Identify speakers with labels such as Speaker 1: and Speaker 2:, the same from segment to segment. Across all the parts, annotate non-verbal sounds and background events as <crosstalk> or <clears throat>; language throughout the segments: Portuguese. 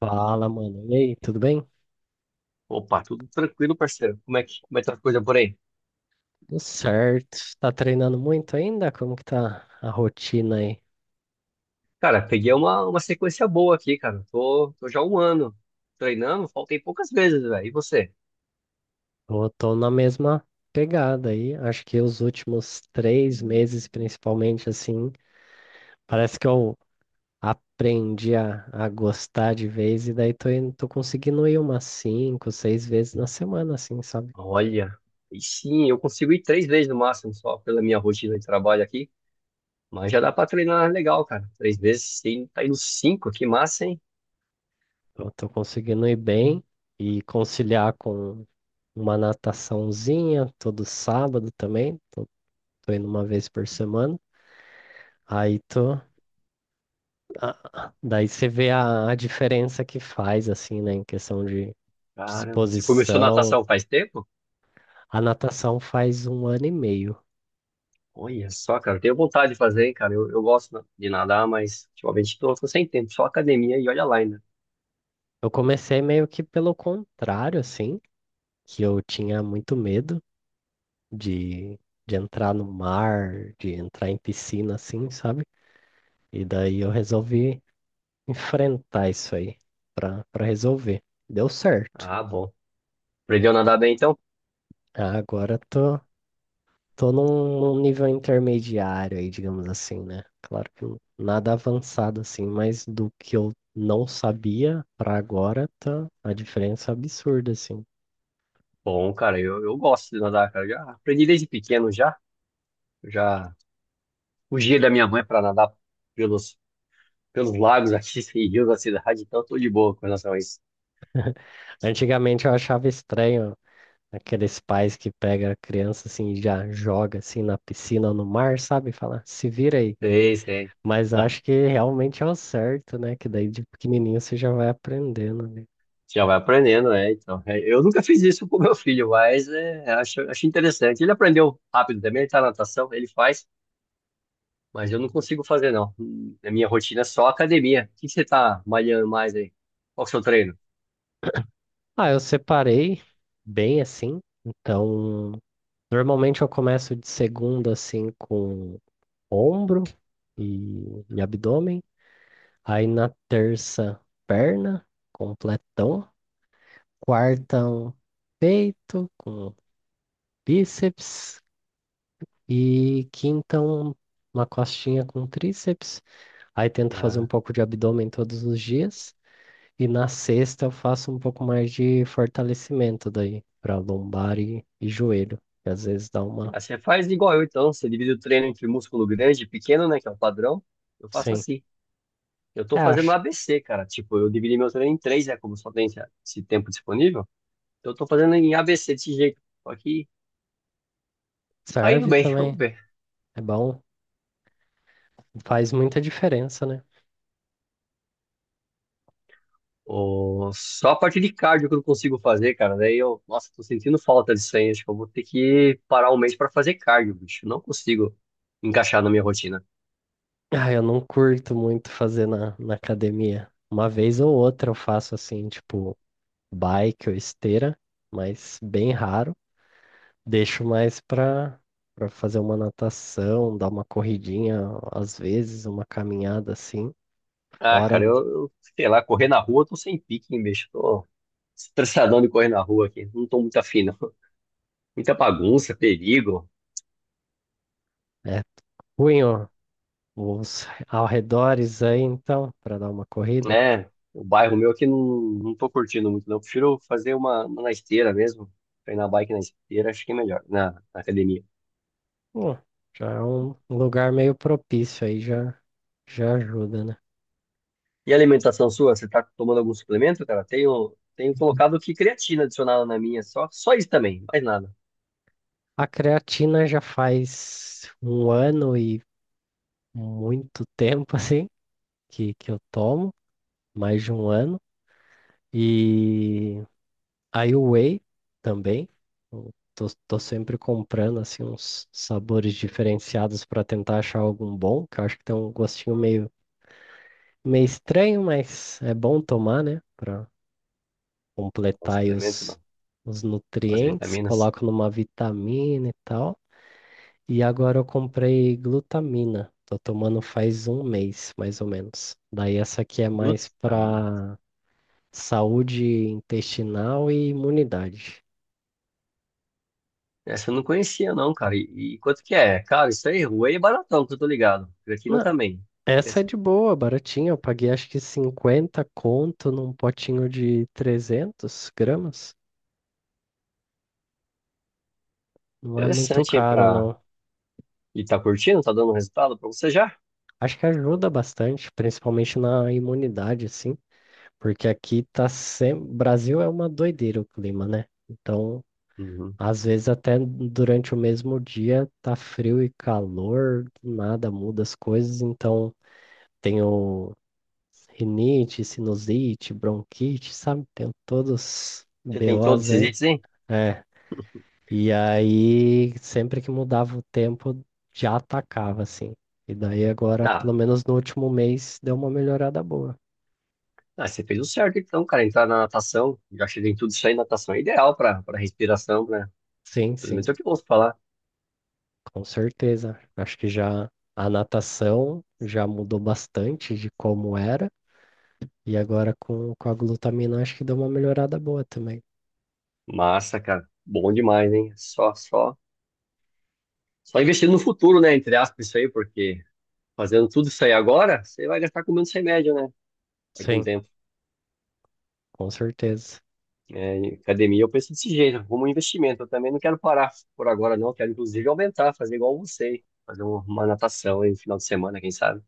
Speaker 1: Fala, mano. E aí, tudo bem?
Speaker 2: Opa, tudo tranquilo, parceiro. Como é que tá a coisa por aí?
Speaker 1: Tudo certo. Tá treinando muito ainda? Como que tá a rotina aí?
Speaker 2: Cara, peguei uma sequência boa aqui, cara. Tô já um ano treinando, faltei poucas vezes, velho. E você?
Speaker 1: Eu tô na mesma pegada aí. Acho que os últimos 3 meses, principalmente, assim, parece que eu aprendi a gostar de vez e daí tô conseguindo ir umas cinco, seis vezes na semana, assim, sabe?
Speaker 2: Olha, e sim, eu consigo ir três vezes no máximo, só pela minha rotina de trabalho aqui. Mas já dá pra treinar legal, cara. Três vezes, sim, tá indo cinco, que massa, hein?
Speaker 1: Eu tô conseguindo ir bem e conciliar com uma nataçãozinha todo sábado também. Tô indo uma vez por semana. Aí tu, Daí você vê a diferença que faz, assim, né, em questão de
Speaker 2: Caramba, você começou
Speaker 1: disposição.
Speaker 2: natação faz tempo?
Speaker 1: A natação faz um ano e meio.
Speaker 2: Olha só, cara, eu tenho vontade de fazer, hein, cara. Eu gosto de nadar, mas ultimamente tô sem tempo, só academia e olha lá ainda.
Speaker 1: Eu comecei meio que pelo contrário, assim, que eu tinha muito medo de, de entrar no mar, de entrar em piscina, assim, sabe? E daí eu resolvi enfrentar isso aí pra resolver. Deu certo.
Speaker 2: Ah, bom. Aprendeu a nadar bem então?
Speaker 1: Agora tô num nível intermediário aí, digamos assim, né? Claro que nada avançado assim, mas do que eu não sabia pra agora tá, a diferença é absurda assim.
Speaker 2: Bom, cara, eu gosto de nadar, cara. Já aprendi desde pequeno já. Eu já fugia da minha mãe para nadar pelos, pelos lagos aqui <laughs> e rios da cidade, então tô de boa com relação a isso.
Speaker 1: Antigamente eu achava estranho aqueles pais que pega a criança assim e já joga assim na piscina ou no mar, sabe? Fala, se vira aí.
Speaker 2: Sei, sei.
Speaker 1: Mas eu
Speaker 2: Ah,
Speaker 1: acho que realmente é o certo, né? Que daí de pequenininho você já vai aprendendo, né?
Speaker 2: já vai aprendendo, né? Então, é, eu nunca fiz isso com meu filho, mas é, acho interessante. Ele aprendeu rápido também, ele tá na natação, ele faz, mas eu não consigo fazer, não. A minha rotina é só academia. O que que você tá malhando mais aí? Qual que é o seu treino?
Speaker 1: Ah, eu separei bem assim, então normalmente eu começo de segunda assim com ombro e abdômen. Aí na terça, perna, completão. Quarta, um peito com bíceps. E quinta, uma costinha com tríceps. Aí tento fazer um
Speaker 2: Ah.
Speaker 1: pouco de abdômen todos os dias. E na sexta eu faço um pouco mais de fortalecimento daí, para lombar e joelho. Que às vezes dá uma.
Speaker 2: Ah, você faz igual eu, então. Você divide o treino entre músculo grande e pequeno, né? Que é o padrão. Eu faço
Speaker 1: Sim.
Speaker 2: assim. Eu
Speaker 1: É,
Speaker 2: tô fazendo
Speaker 1: acho
Speaker 2: ABC, cara. Tipo, eu dividi meu treino em três, é, como só tem esse tempo disponível. Então, eu tô fazendo em ABC desse jeito. Só que
Speaker 1: que
Speaker 2: tá indo
Speaker 1: serve
Speaker 2: bem, <laughs> vamos
Speaker 1: também.
Speaker 2: ver.
Speaker 1: É bom, faz muita diferença, né?
Speaker 2: Ô, só a parte de cardio que eu não consigo fazer, cara. Daí eu, nossa, tô sentindo falta disso aí. Acho que eu vou ter que parar um mês pra fazer cardio, bicho. Não consigo encaixar na minha rotina.
Speaker 1: Ah, eu não curto muito fazer na academia. Uma vez ou outra eu faço assim, tipo, bike ou esteira, mas bem raro. Deixo mais pra fazer uma natação, dar uma corridinha, às vezes, uma caminhada assim.
Speaker 2: Ah, cara,
Speaker 1: Fora,
Speaker 2: eu sei lá, correr na rua, eu tô sem pique, hein, bicho. Tô estressadão de correr na rua aqui. Não tô muito afim, não. Muita bagunça, perigo,
Speaker 1: é ruim, ó, os arredores aí, então, pra dar uma corrida.
Speaker 2: né? O bairro meu aqui não tô curtindo muito, não. Prefiro fazer uma na esteira mesmo. Treinar bike na esteira, acho que é melhor, na, na academia.
Speaker 1: Pô, já é um lugar meio propício aí, já ajuda, né?
Speaker 2: E a alimentação sua? Você tá tomando algum suplemento, cara? Tenho colocado aqui creatina adicionada na minha, só isso também, mais nada.
Speaker 1: A creatina já faz um ano e muito tempo, <laughs> assim, que eu tomo, mais de um ano. E aí o whey também. Eu tô sempre comprando, assim, uns sabores diferenciados para tentar achar algum bom, que eu acho que tem um gostinho meio, meio estranho, mas é bom tomar, né? Para
Speaker 2: Não
Speaker 1: completar aí
Speaker 2: suplemento, não.
Speaker 1: os
Speaker 2: As
Speaker 1: nutrientes.
Speaker 2: vitaminas.
Speaker 1: Coloco numa vitamina e tal. E agora eu comprei glutamina. Tô tomando faz um mês, mais ou menos. Daí essa aqui é mais
Speaker 2: Glutamina.
Speaker 1: pra saúde intestinal e imunidade.
Speaker 2: Essa eu não conhecia, não, cara. E quanto que é? Cara, isso aí, whey é baratão, que eu tô ligado. Creatina
Speaker 1: Não,
Speaker 2: também.
Speaker 1: essa é de boa, baratinha. Eu paguei acho que 50 conto num potinho de 300 gramas. Não é muito
Speaker 2: Interessante, hein,
Speaker 1: caro,
Speaker 2: pra...
Speaker 1: não.
Speaker 2: E tá curtindo? Tá dando resultado pra você já?
Speaker 1: Acho que ajuda bastante, principalmente na imunidade, assim, porque aqui tá sempre. Brasil é uma doideira o clima, né? Então,
Speaker 2: Uhum.
Speaker 1: às vezes até durante o mesmo dia tá frio e calor, do nada muda as coisas, então tenho rinite, sinusite, bronquite, sabe? Tenho todos os
Speaker 2: Você tem todos
Speaker 1: BOs
Speaker 2: esses
Speaker 1: aí.
Speaker 2: itens, hein?
Speaker 1: É. E aí, sempre que mudava o tempo, já atacava, assim. E daí agora, pelo
Speaker 2: Ah,
Speaker 1: menos no último mês, deu uma melhorada boa.
Speaker 2: ah, você fez o certo então, cara. Entrar na natação, já cheguei em tudo isso aí, natação é ideal pra, pra respiração, né?
Speaker 1: Sim,
Speaker 2: Pelo
Speaker 1: sim,
Speaker 2: menos é o que eu ouço falar.
Speaker 1: com certeza. Acho que já a natação já mudou bastante de como era. E agora com a glutamina, acho que deu uma melhorada boa também.
Speaker 2: Massa, cara. Bom demais, hein? Só investir no futuro, né? Entre aspas, isso aí, porque fazendo tudo isso aí agora, você vai gastar com menos remédio, né? Daqui a um
Speaker 1: Sim.
Speaker 2: tempo.
Speaker 1: Com certeza.
Speaker 2: É, em academia eu penso desse jeito, como um investimento. Eu também não quero parar por agora, não. Eu quero, inclusive, aumentar, fazer igual você, fazer uma natação aí no final de semana, quem sabe?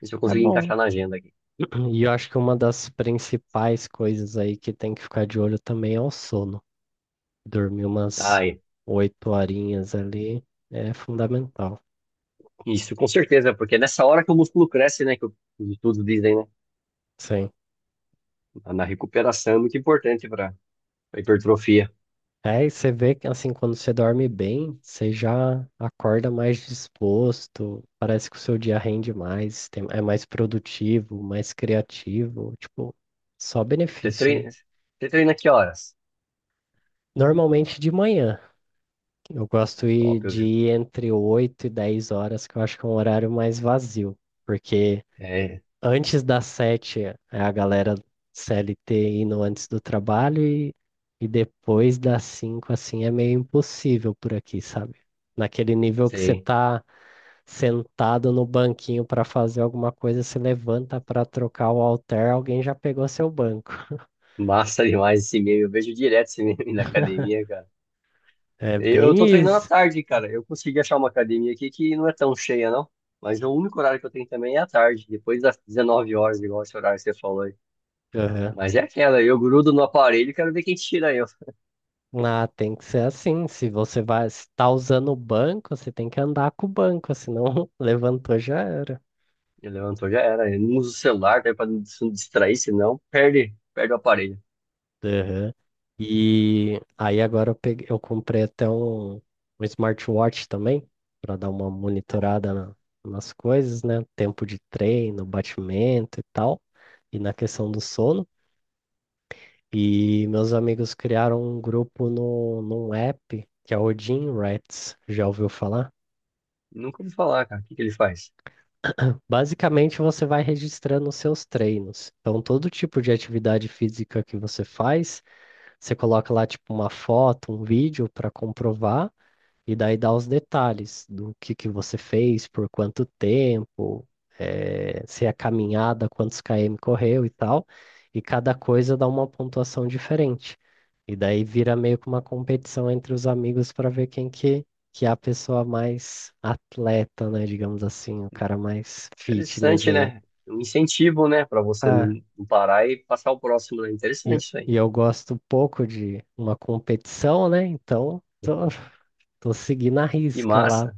Speaker 2: Ver se eu
Speaker 1: É
Speaker 2: conseguir
Speaker 1: bom.
Speaker 2: encaixar na agenda aqui.
Speaker 1: <clears throat> E eu acho que uma das principais coisas aí que tem que ficar de olho também é o sono. Dormir umas
Speaker 2: Ai,
Speaker 1: 8 horinhas ali é fundamental.
Speaker 2: isso com certeza, porque é nessa hora que o músculo cresce, né? Que os estudos dizem, né?
Speaker 1: Sim.
Speaker 2: Na recuperação é muito importante para hipertrofia.
Speaker 1: É, e você vê que assim, quando você dorme bem, você já acorda mais disposto, parece que o seu dia rende mais, é mais produtivo, mais criativo, tipo, só
Speaker 2: Você
Speaker 1: benefício, né?
Speaker 2: treina, você treina que horas?
Speaker 1: Normalmente de manhã. Eu gosto
Speaker 2: Top,
Speaker 1: de ir entre 8 e 10 horas, que eu acho que é um horário mais vazio. Porque
Speaker 2: é,
Speaker 1: antes das 7 é a galera CLT indo antes do trabalho e depois das 5 assim, é meio impossível por aqui, sabe? Naquele nível que você
Speaker 2: sei.
Speaker 1: tá sentado no banquinho para fazer alguma coisa, se levanta para trocar o halter, alguém já pegou seu banco.
Speaker 2: Massa demais esse meme. Eu vejo direto esse meme <laughs> na academia, cara.
Speaker 1: É
Speaker 2: Eu
Speaker 1: bem
Speaker 2: tô treinando à
Speaker 1: isso.
Speaker 2: tarde, cara. Eu consegui achar uma academia aqui que não é tão cheia, não. Mas o único horário que eu tenho também é à tarde, depois das 19 horas, igual esse horário que você falou aí. Mas é aquela, eu grudo no aparelho e quero ver quem tira eu. <laughs>
Speaker 1: Ah, tem que ser assim. Se você vai estar usando o banco, você tem que andar com o banco, senão <laughs> levantou já era.
Speaker 2: Ele levantou, já era. Eu não uso o celular, tá? Pra não se não distrair, senão perde o aparelho.
Speaker 1: Aham. E aí agora eu peguei, eu comprei até um smartwatch também, para dar uma monitorada nas coisas, né? Tempo de treino, batimento e tal, e na questão do sono. E meus amigos criaram um grupo no, num app que é o Gym Rats. Já ouviu falar?
Speaker 2: Nunca ouvi falar, cara. O que que ele faz?
Speaker 1: Basicamente, você vai registrando os seus treinos. Então, todo tipo de atividade física que você faz, você coloca lá, tipo, uma foto, um vídeo para comprovar. E daí dá os detalhes do que você fez, por quanto tempo, se é caminhada, quantos km correu e tal. E cada coisa dá uma pontuação diferente. E daí vira meio que uma competição entre os amigos para ver quem que é a pessoa mais atleta, né? Digamos assim, o cara mais fitness
Speaker 2: Interessante,
Speaker 1: aí.
Speaker 2: né? Um incentivo, né? Pra você não
Speaker 1: Ah,
Speaker 2: não parar e passar o próximo, né? Interessante isso aí.
Speaker 1: e eu gosto pouco de uma competição, né? Então, tô seguindo a
Speaker 2: Que
Speaker 1: risca lá.
Speaker 2: massa.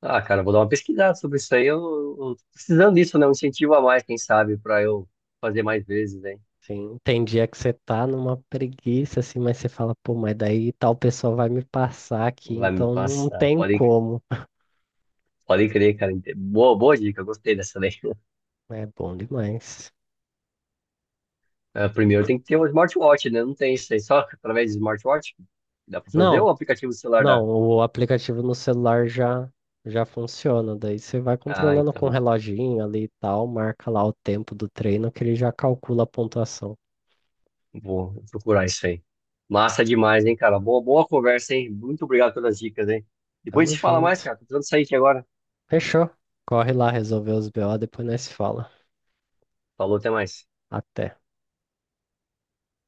Speaker 2: Ah, cara, vou dar uma pesquisada sobre isso aí. Eu tô precisando disso, né? Um incentivo a mais, quem sabe, pra eu fazer mais vezes, hein?
Speaker 1: Sim, tem dia que você tá numa preguiça, assim, mas você fala, pô, mas daí tal pessoa vai me passar aqui,
Speaker 2: Vai me
Speaker 1: então não
Speaker 2: passar.
Speaker 1: tem
Speaker 2: Pode,
Speaker 1: como.
Speaker 2: pode crer, cara. Boa dica, eu gostei dessa daí. <laughs>
Speaker 1: É bom demais.
Speaker 2: Ah, primeiro tem que ter um smartwatch, né? Não tem isso aí, só através de smartwatch. Dá pra fazer ou o
Speaker 1: Não,
Speaker 2: aplicativo do celular
Speaker 1: não,
Speaker 2: dá?
Speaker 1: o aplicativo no celular já funciona, daí você vai
Speaker 2: Ah,
Speaker 1: controlando com o
Speaker 2: então
Speaker 1: reloginho ali e tal, marca lá o tempo do treino que ele já calcula a pontuação.
Speaker 2: vou procurar isso aí. Massa demais, hein, cara? Boa conversa, hein? Muito obrigado pelas dicas, hein? Depois a
Speaker 1: Tamo
Speaker 2: gente fala mais,
Speaker 1: junto.
Speaker 2: cara. Tô precisando sair aqui agora.
Speaker 1: Fechou. Corre lá resolver os BO, depois nós se fala.
Speaker 2: Falou, até mais.
Speaker 1: Até.